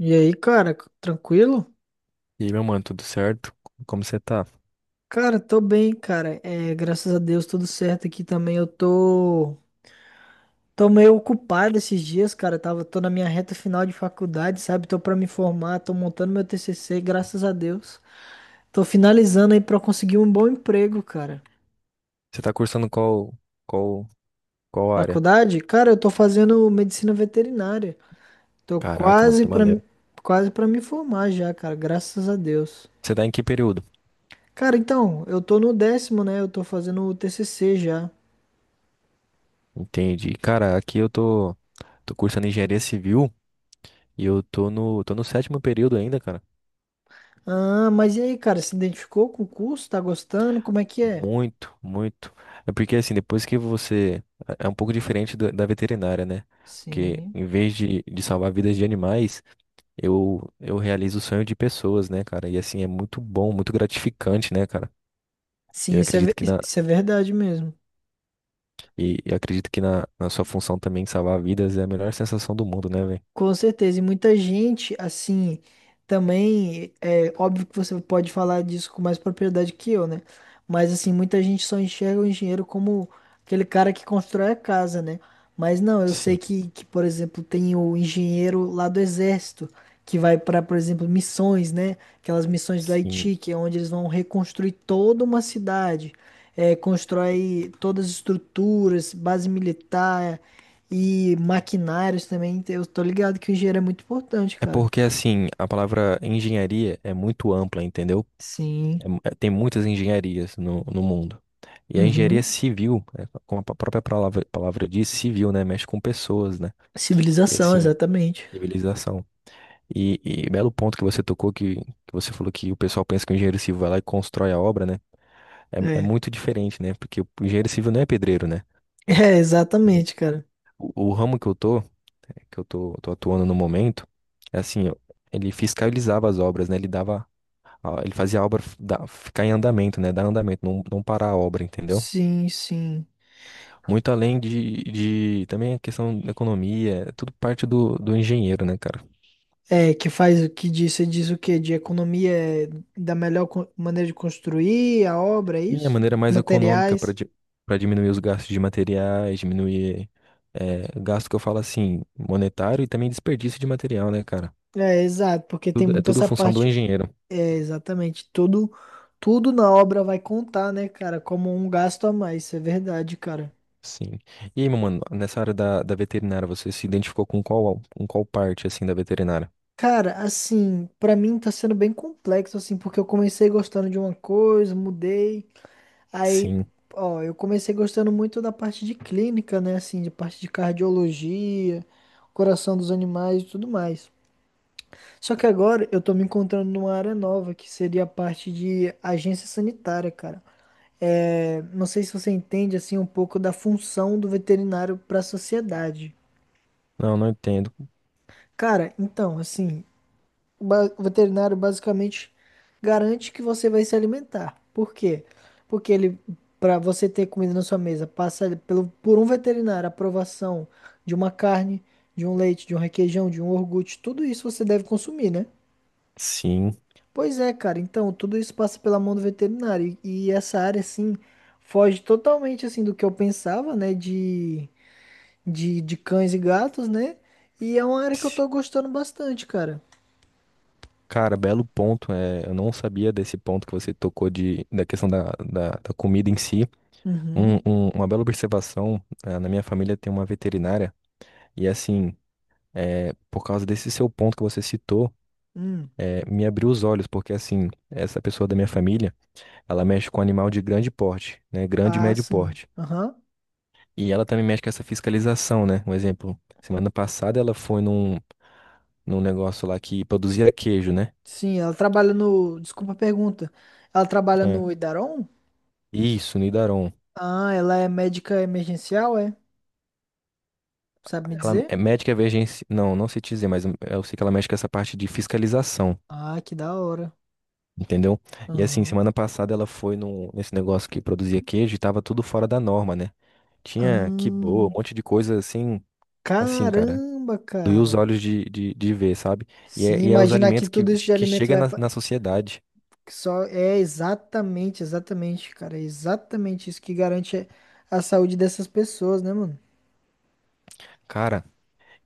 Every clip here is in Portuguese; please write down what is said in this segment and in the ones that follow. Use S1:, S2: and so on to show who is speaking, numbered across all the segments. S1: E aí, cara, tranquilo?
S2: E aí, meu mano, tudo certo? Como você tá?
S1: Cara, tô bem, cara. É, graças a Deus, tudo certo aqui também. Eu tô meio ocupado esses dias, cara. Tô na minha reta final de faculdade, sabe? Tô pra me formar, tô montando meu TCC, graças a Deus. Tô finalizando aí pra conseguir um bom emprego, cara.
S2: Você tá cursando qual, qual área?
S1: Faculdade? Cara, eu tô fazendo medicina veterinária. Tô
S2: Caraca, mano,
S1: quase
S2: que
S1: pra,
S2: maneiro.
S1: quase pra me formar já, cara, graças a Deus.
S2: Você tá em que período?
S1: Cara, então, eu tô no décimo, né? Eu tô fazendo o TCC já.
S2: Entendi. Cara, aqui eu tô cursando engenharia civil e eu tô no sétimo período ainda, cara.
S1: Ah, mas e aí, cara, se identificou com o curso? Tá gostando? Como é que é?
S2: Muito, muito. É porque assim, depois que você. É um pouco diferente da veterinária, né? Porque
S1: Sim.
S2: em vez de salvar vidas de animais, eu realizo o sonho de pessoas, né, cara? E assim, é muito bom, muito gratificante, né, cara?
S1: Sim,
S2: Eu
S1: isso é, ve-
S2: acredito que na,
S1: isso é verdade mesmo.
S2: E acredito que na sua função também salvar vidas é a melhor sensação do mundo, né, velho?
S1: Com certeza, e muita gente, assim, também, é óbvio que você pode falar disso com mais propriedade que eu, né? Mas, assim, muita gente só enxerga o engenheiro como aquele cara que constrói a casa, né? Mas não, eu sei
S2: Sim,
S1: que por exemplo, tem o engenheiro lá do exército, que vai para, por exemplo, missões, né? Aquelas missões do
S2: sim.
S1: Haiti, que é onde eles vão reconstruir toda uma cidade, é, constrói todas as estruturas, base militar. E maquinários também, eu tô ligado que o engenheiro é muito importante,
S2: É
S1: cara.
S2: porque, assim, a palavra engenharia é muito ampla, entendeu?
S1: Sim.
S2: Tem muitas engenharias no mundo. E a engenharia
S1: Uhum.
S2: civil, é, como a própria palavra diz, civil, né? Mexe com pessoas, né? E,
S1: Civilização,
S2: assim,
S1: exatamente.
S2: civilização. E belo ponto que você tocou, que você falou que o pessoal pensa que o engenheiro civil vai lá e constrói a obra, né? É
S1: É.
S2: muito diferente, né? Porque o engenheiro civil não é pedreiro, né?
S1: É, exatamente, cara.
S2: O ramo que eu tô atuando no momento, é assim, ele fiscalizava as obras, né? Ele dava, ele fazia a obra ficar em andamento, né? Dar andamento, não, não parar a obra, entendeu?
S1: Sim, sim.
S2: Muito além de também a questão da economia, é tudo parte do engenheiro, né, cara?
S1: É, que faz o que diz, você diz o quê? De economia é da melhor maneira de construir a obra, é
S2: E a
S1: isso?
S2: maneira mais econômica para
S1: Materiais.
S2: para diminuir os gastos de materiais, diminuir é, gasto que eu falo assim, monetário e também desperdício de material, né, cara?
S1: É, exato, porque tem
S2: Tudo, é
S1: muito
S2: tudo
S1: essa
S2: função do
S1: parte.
S2: engenheiro.
S1: É, exatamente. Tudo, tudo na obra vai contar, né, cara? Como um gasto a mais, isso é verdade, cara.
S2: Sim. E aí, meu mano, nessa área da veterinária, você se identificou com qual parte, assim, da veterinária?
S1: Cara, assim, pra mim tá sendo bem complexo, assim, porque eu comecei gostando de uma coisa, mudei. Aí,
S2: Sim.
S1: ó, eu comecei gostando muito da parte de clínica, né, assim, de parte de cardiologia, coração dos animais e tudo mais. Só que agora eu tô me encontrando numa área nova, que seria a parte de agência sanitária, cara. É, não sei se você entende, assim, um pouco da função do veterinário pra sociedade.
S2: Não, não entendo.
S1: Cara, então, assim. O veterinário basicamente garante que você vai se alimentar. Por quê? Porque ele, para você ter comida na sua mesa, passa ali pelo, por um veterinário a aprovação de uma carne, de um leite, de um requeijão, de um iogurte, tudo isso você deve consumir, né?
S2: Sim.
S1: Pois é, cara. Então, tudo isso passa pela mão do veterinário. E essa área, assim, foge totalmente, assim, do que eu pensava, né? De cães e gatos, né? E é uma área que eu
S2: Sim.
S1: tô gostando bastante, cara.
S2: Cara, belo ponto. É, eu não sabia desse ponto que você tocou da questão da comida em si. Um,
S1: Uhum.
S2: um- uma bela observação. Na minha família tem uma veterinária. E, assim, é, por causa desse seu ponto que você citou,
S1: Hum.
S2: me abriu os olhos. Porque, assim, essa pessoa da minha família, ela mexe com animal de grande porte, né? Grande e
S1: Ah,
S2: médio
S1: sim.
S2: porte.
S1: Aham.
S2: E ela também mexe com essa fiscalização, né? Um exemplo, semana passada ela foi num negócio lá que produzia queijo, né?
S1: Sim, ela trabalha no. Desculpa a pergunta. Ela trabalha
S2: É.
S1: no Idaron?
S2: Isso, Nidaron.
S1: Ah, ela é médica emergencial, é? Sabe me
S2: Ela
S1: dizer?
S2: é médica emergência. Não, não sei te dizer, mas eu sei que ela mexe com essa parte de fiscalização,
S1: Ah, que da hora.
S2: entendeu? E assim,
S1: Aham.
S2: semana passada ela foi nesse negócio que produzia queijo e tava tudo fora da norma, né? Tinha quibô, um
S1: Ahn,
S2: monte de coisa assim, cara.
S1: caramba,
S2: Doía os
S1: cara.
S2: olhos de ver, sabe? E é,
S1: Sim,
S2: e é os
S1: imaginar que
S2: alimentos que,
S1: tudo isso de
S2: que
S1: alimento
S2: chegam
S1: vai
S2: na,
S1: pra...
S2: na sociedade.
S1: que só é exatamente, exatamente, cara, é exatamente isso que garante a saúde dessas pessoas, né, mano?
S2: Cara,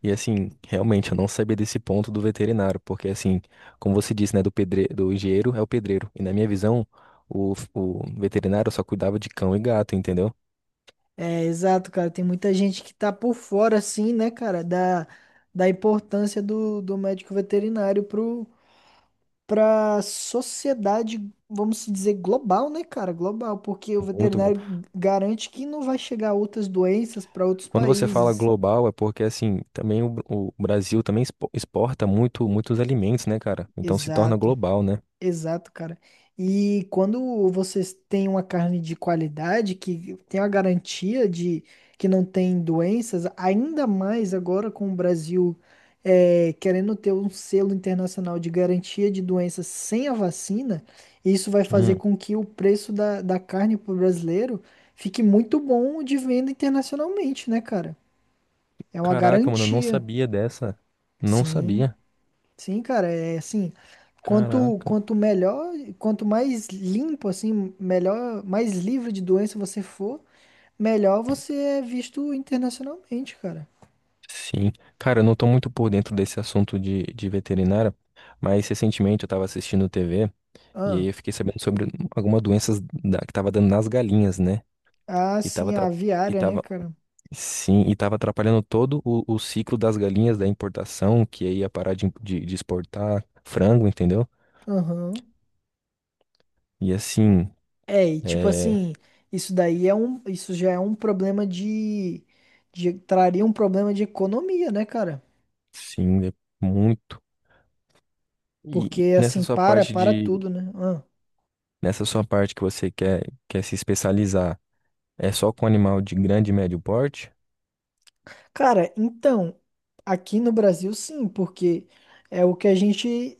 S2: e assim, realmente, eu não sabia desse ponto do veterinário, porque assim, como você disse, né, do engenheiro é o pedreiro. E na minha visão, o veterinário só cuidava de cão e gato, entendeu?
S1: É, exato, cara. Tem muita gente que tá por fora, assim, né, cara, da importância do, do médico veterinário pra sociedade, vamos se dizer, global, né, cara? Global, porque o
S2: Muito glo-
S1: veterinário garante que não vai chegar outras doenças para outros
S2: Quando você fala
S1: países.
S2: global, é porque assim, também o Brasil também exporta muitos alimentos, né, cara? Então se torna
S1: Exato.
S2: global, né?
S1: Exato, cara. E quando vocês têm uma carne de qualidade, que tem a garantia de que não tem doenças, ainda mais agora com o Brasil querendo ter um selo internacional de garantia de doenças sem a vacina, isso vai
S2: Hum.
S1: fazer com que o preço da carne para o brasileiro fique muito bom de venda internacionalmente, né, cara? É uma
S2: Caraca, mano, eu não
S1: garantia.
S2: sabia dessa. Não
S1: Sim.
S2: sabia.
S1: Sim, cara, é assim, quanto
S2: Caraca.
S1: quanto melhor, quanto mais limpo assim, melhor, mais livre de doença você for, melhor você é visto internacionalmente, cara.
S2: Sim. Cara, eu não tô muito por dentro desse assunto de veterinária, mas recentemente eu tava assistindo TV. E aí
S1: Ah,
S2: eu fiquei sabendo sobre algumas doenças que tava dando nas galinhas, né?
S1: ah,
S2: E tava,
S1: sim, a
S2: atra- e
S1: aviária, né,
S2: tava,
S1: cara?
S2: sim, e tava atrapalhando todo o ciclo das galinhas da importação, que aí ia parar de exportar frango, entendeu?
S1: Aham.
S2: E assim,
S1: É, e tipo
S2: é,
S1: assim, isso daí é um, isso já é um problema de traria um problema de economia, né, cara?
S2: sim, é muito. E
S1: Porque assim, para, para tudo, né?
S2: nessa sua parte que você quer se especializar, é só com animal de grande e médio porte?
S1: Cara, então, aqui no Brasil sim, porque é o que a gente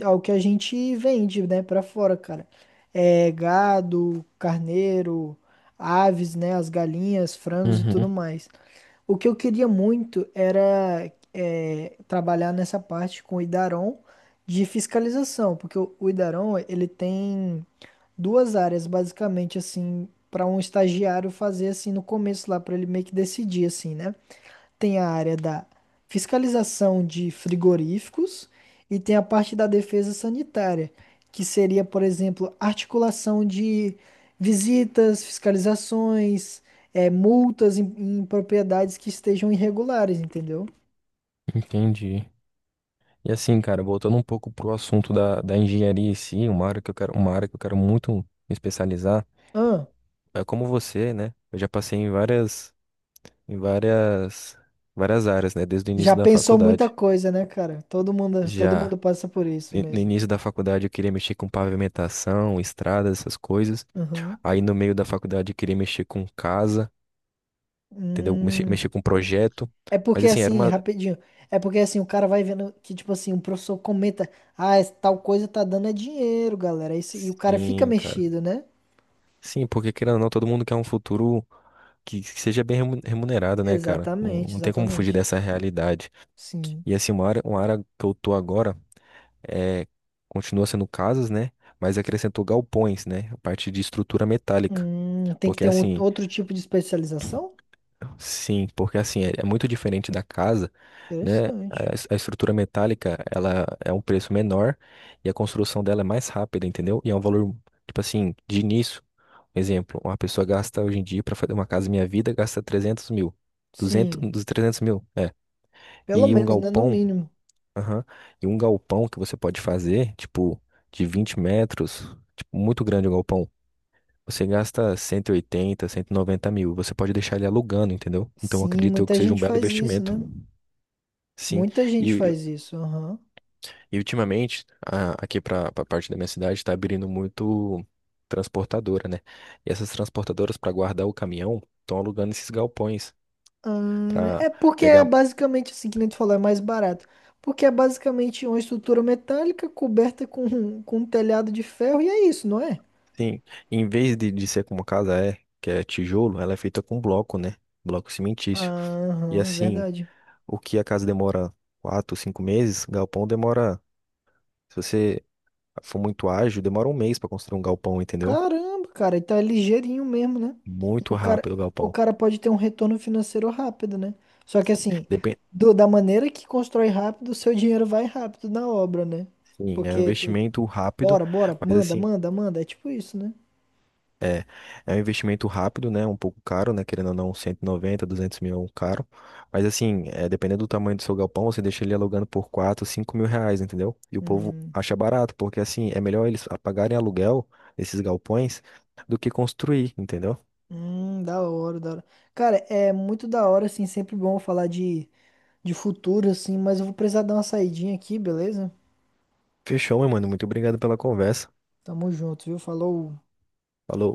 S1: é o que a gente vende, né, pra fora, cara. É gado, carneiro, aves, né, as galinhas, frangos e tudo
S2: Uhum,
S1: mais. O que eu queria muito era trabalhar nessa parte com o Idaron de fiscalização, porque o Idaron, ele tem duas áreas basicamente assim para um estagiário fazer assim no começo lá para ele meio que decidir assim, né? Tem a área da fiscalização de frigoríficos e tem a parte da defesa sanitária, que seria, por exemplo, articulação de visitas, fiscalizações, multas em propriedades que estejam irregulares, entendeu?
S2: entendi. E assim, cara, voltando um pouco pro assunto da engenharia em si, uma área que eu quero, muito me especializar,
S1: Ah,
S2: é como você, né? Eu já passei em várias áreas, né? Desde o
S1: já
S2: início da
S1: pensou muita
S2: faculdade.
S1: coisa, né, cara? Todo
S2: Já
S1: mundo passa por isso
S2: ni- no
S1: mesmo.
S2: início da faculdade eu queria mexer com pavimentação, estradas, essas coisas.
S1: Aham.
S2: Aí no meio da faculdade eu queria mexer com casa, entendeu? Mexer,
S1: Hum.
S2: mexer com projeto.
S1: É
S2: Mas
S1: porque
S2: assim, era
S1: assim,
S2: uma.
S1: rapidinho. É porque assim, o cara vai vendo que, tipo assim, um professor comenta, ah, esse tal coisa tá dando é dinheiro, galera. Isso- e o cara fica
S2: Sim, cara.
S1: mexido, né?
S2: Sim, porque querendo ou não, todo mundo quer um futuro que seja bem remunerado, né, cara? Não,
S1: Exatamente,
S2: não tem como fugir
S1: exatamente.
S2: dessa realidade.
S1: Sim.
S2: E assim, uma área que eu tô agora é continua sendo casas, né? Mas acrescentou galpões, né? A parte de estrutura metálica.
S1: Tem que
S2: Porque
S1: ter um
S2: assim,
S1: outro tipo de especialização?
S2: Sim. Porque assim, é muito diferente da casa, né?
S1: Interessante.
S2: A estrutura metálica, ela é um preço menor e a construção dela é mais rápida, entendeu? E é um valor, tipo assim, de início. Um exemplo, uma pessoa gasta hoje em dia para fazer uma casa Minha Vida, gasta 300 mil. 200
S1: Sim.
S2: dos 300 mil, é.
S1: Pelo
S2: E um
S1: menos, né? No
S2: galpão,
S1: mínimo.
S2: aham, e um galpão que você pode fazer, tipo, de 20 metros, tipo, muito grande o galpão. Você gasta cento e oitenta, 190 mil. Você pode deixar ele alugando, entendeu? Então, eu
S1: Sim,
S2: acredito eu que
S1: muita
S2: seja um
S1: gente
S2: belo
S1: faz isso,
S2: investimento,
S1: né?
S2: sim.
S1: Muita gente
S2: E,
S1: faz isso. Aham.
S2: e ultimamente, aqui para a parte da minha cidade, está abrindo muito transportadora, né? E essas transportadoras, para guardar o caminhão, estão alugando esses galpões para
S1: É porque é
S2: pegar.
S1: basicamente assim que nem tu falou, é mais barato. Porque é basicamente uma estrutura metálica coberta com um telhado de ferro e é isso, não é?
S2: Sim, em vez de ser como casa é, que é tijolo, ela é feita com bloco, né? Bloco cimentício. E
S1: Aham,
S2: assim,
S1: verdade.
S2: o que a casa demora 4, 5 meses, galpão demora. Se você foi muito ágil, demora um mês para construir um galpão, entendeu?
S1: Caramba, cara, então é ligeirinho mesmo, né? O
S2: Muito
S1: cara,
S2: rápido o
S1: o
S2: galpão.
S1: cara pode ter um retorno financeiro rápido, né? Só que
S2: Sim.
S1: assim,
S2: Depende.
S1: da maneira que constrói rápido, o seu dinheiro vai rápido na obra, né?
S2: Sim, é um
S1: Porque, te-
S2: investimento rápido,
S1: bora, bora,
S2: mas
S1: manda,
S2: assim,
S1: manda, manda, é tipo isso, né?
S2: é um investimento rápido, né? Um pouco caro, né? Querendo ou não, 190 200 mil é um caro. Mas assim, é, dependendo do tamanho do seu galpão, você deixa ele alugando por 4, 5 mil reais, entendeu? E o povo
S1: Hum.
S2: acha barato, porque assim, é melhor eles pagarem aluguel, esses galpões, do que construir, entendeu?
S1: Da hora, da hora. Cara, é muito da hora, assim, sempre bom falar de futuro, assim, mas eu vou precisar dar uma saidinha aqui, beleza?
S2: Fechou, meu mano. Muito obrigado pela conversa.
S1: Tamo junto, viu? Falou.
S2: Falou.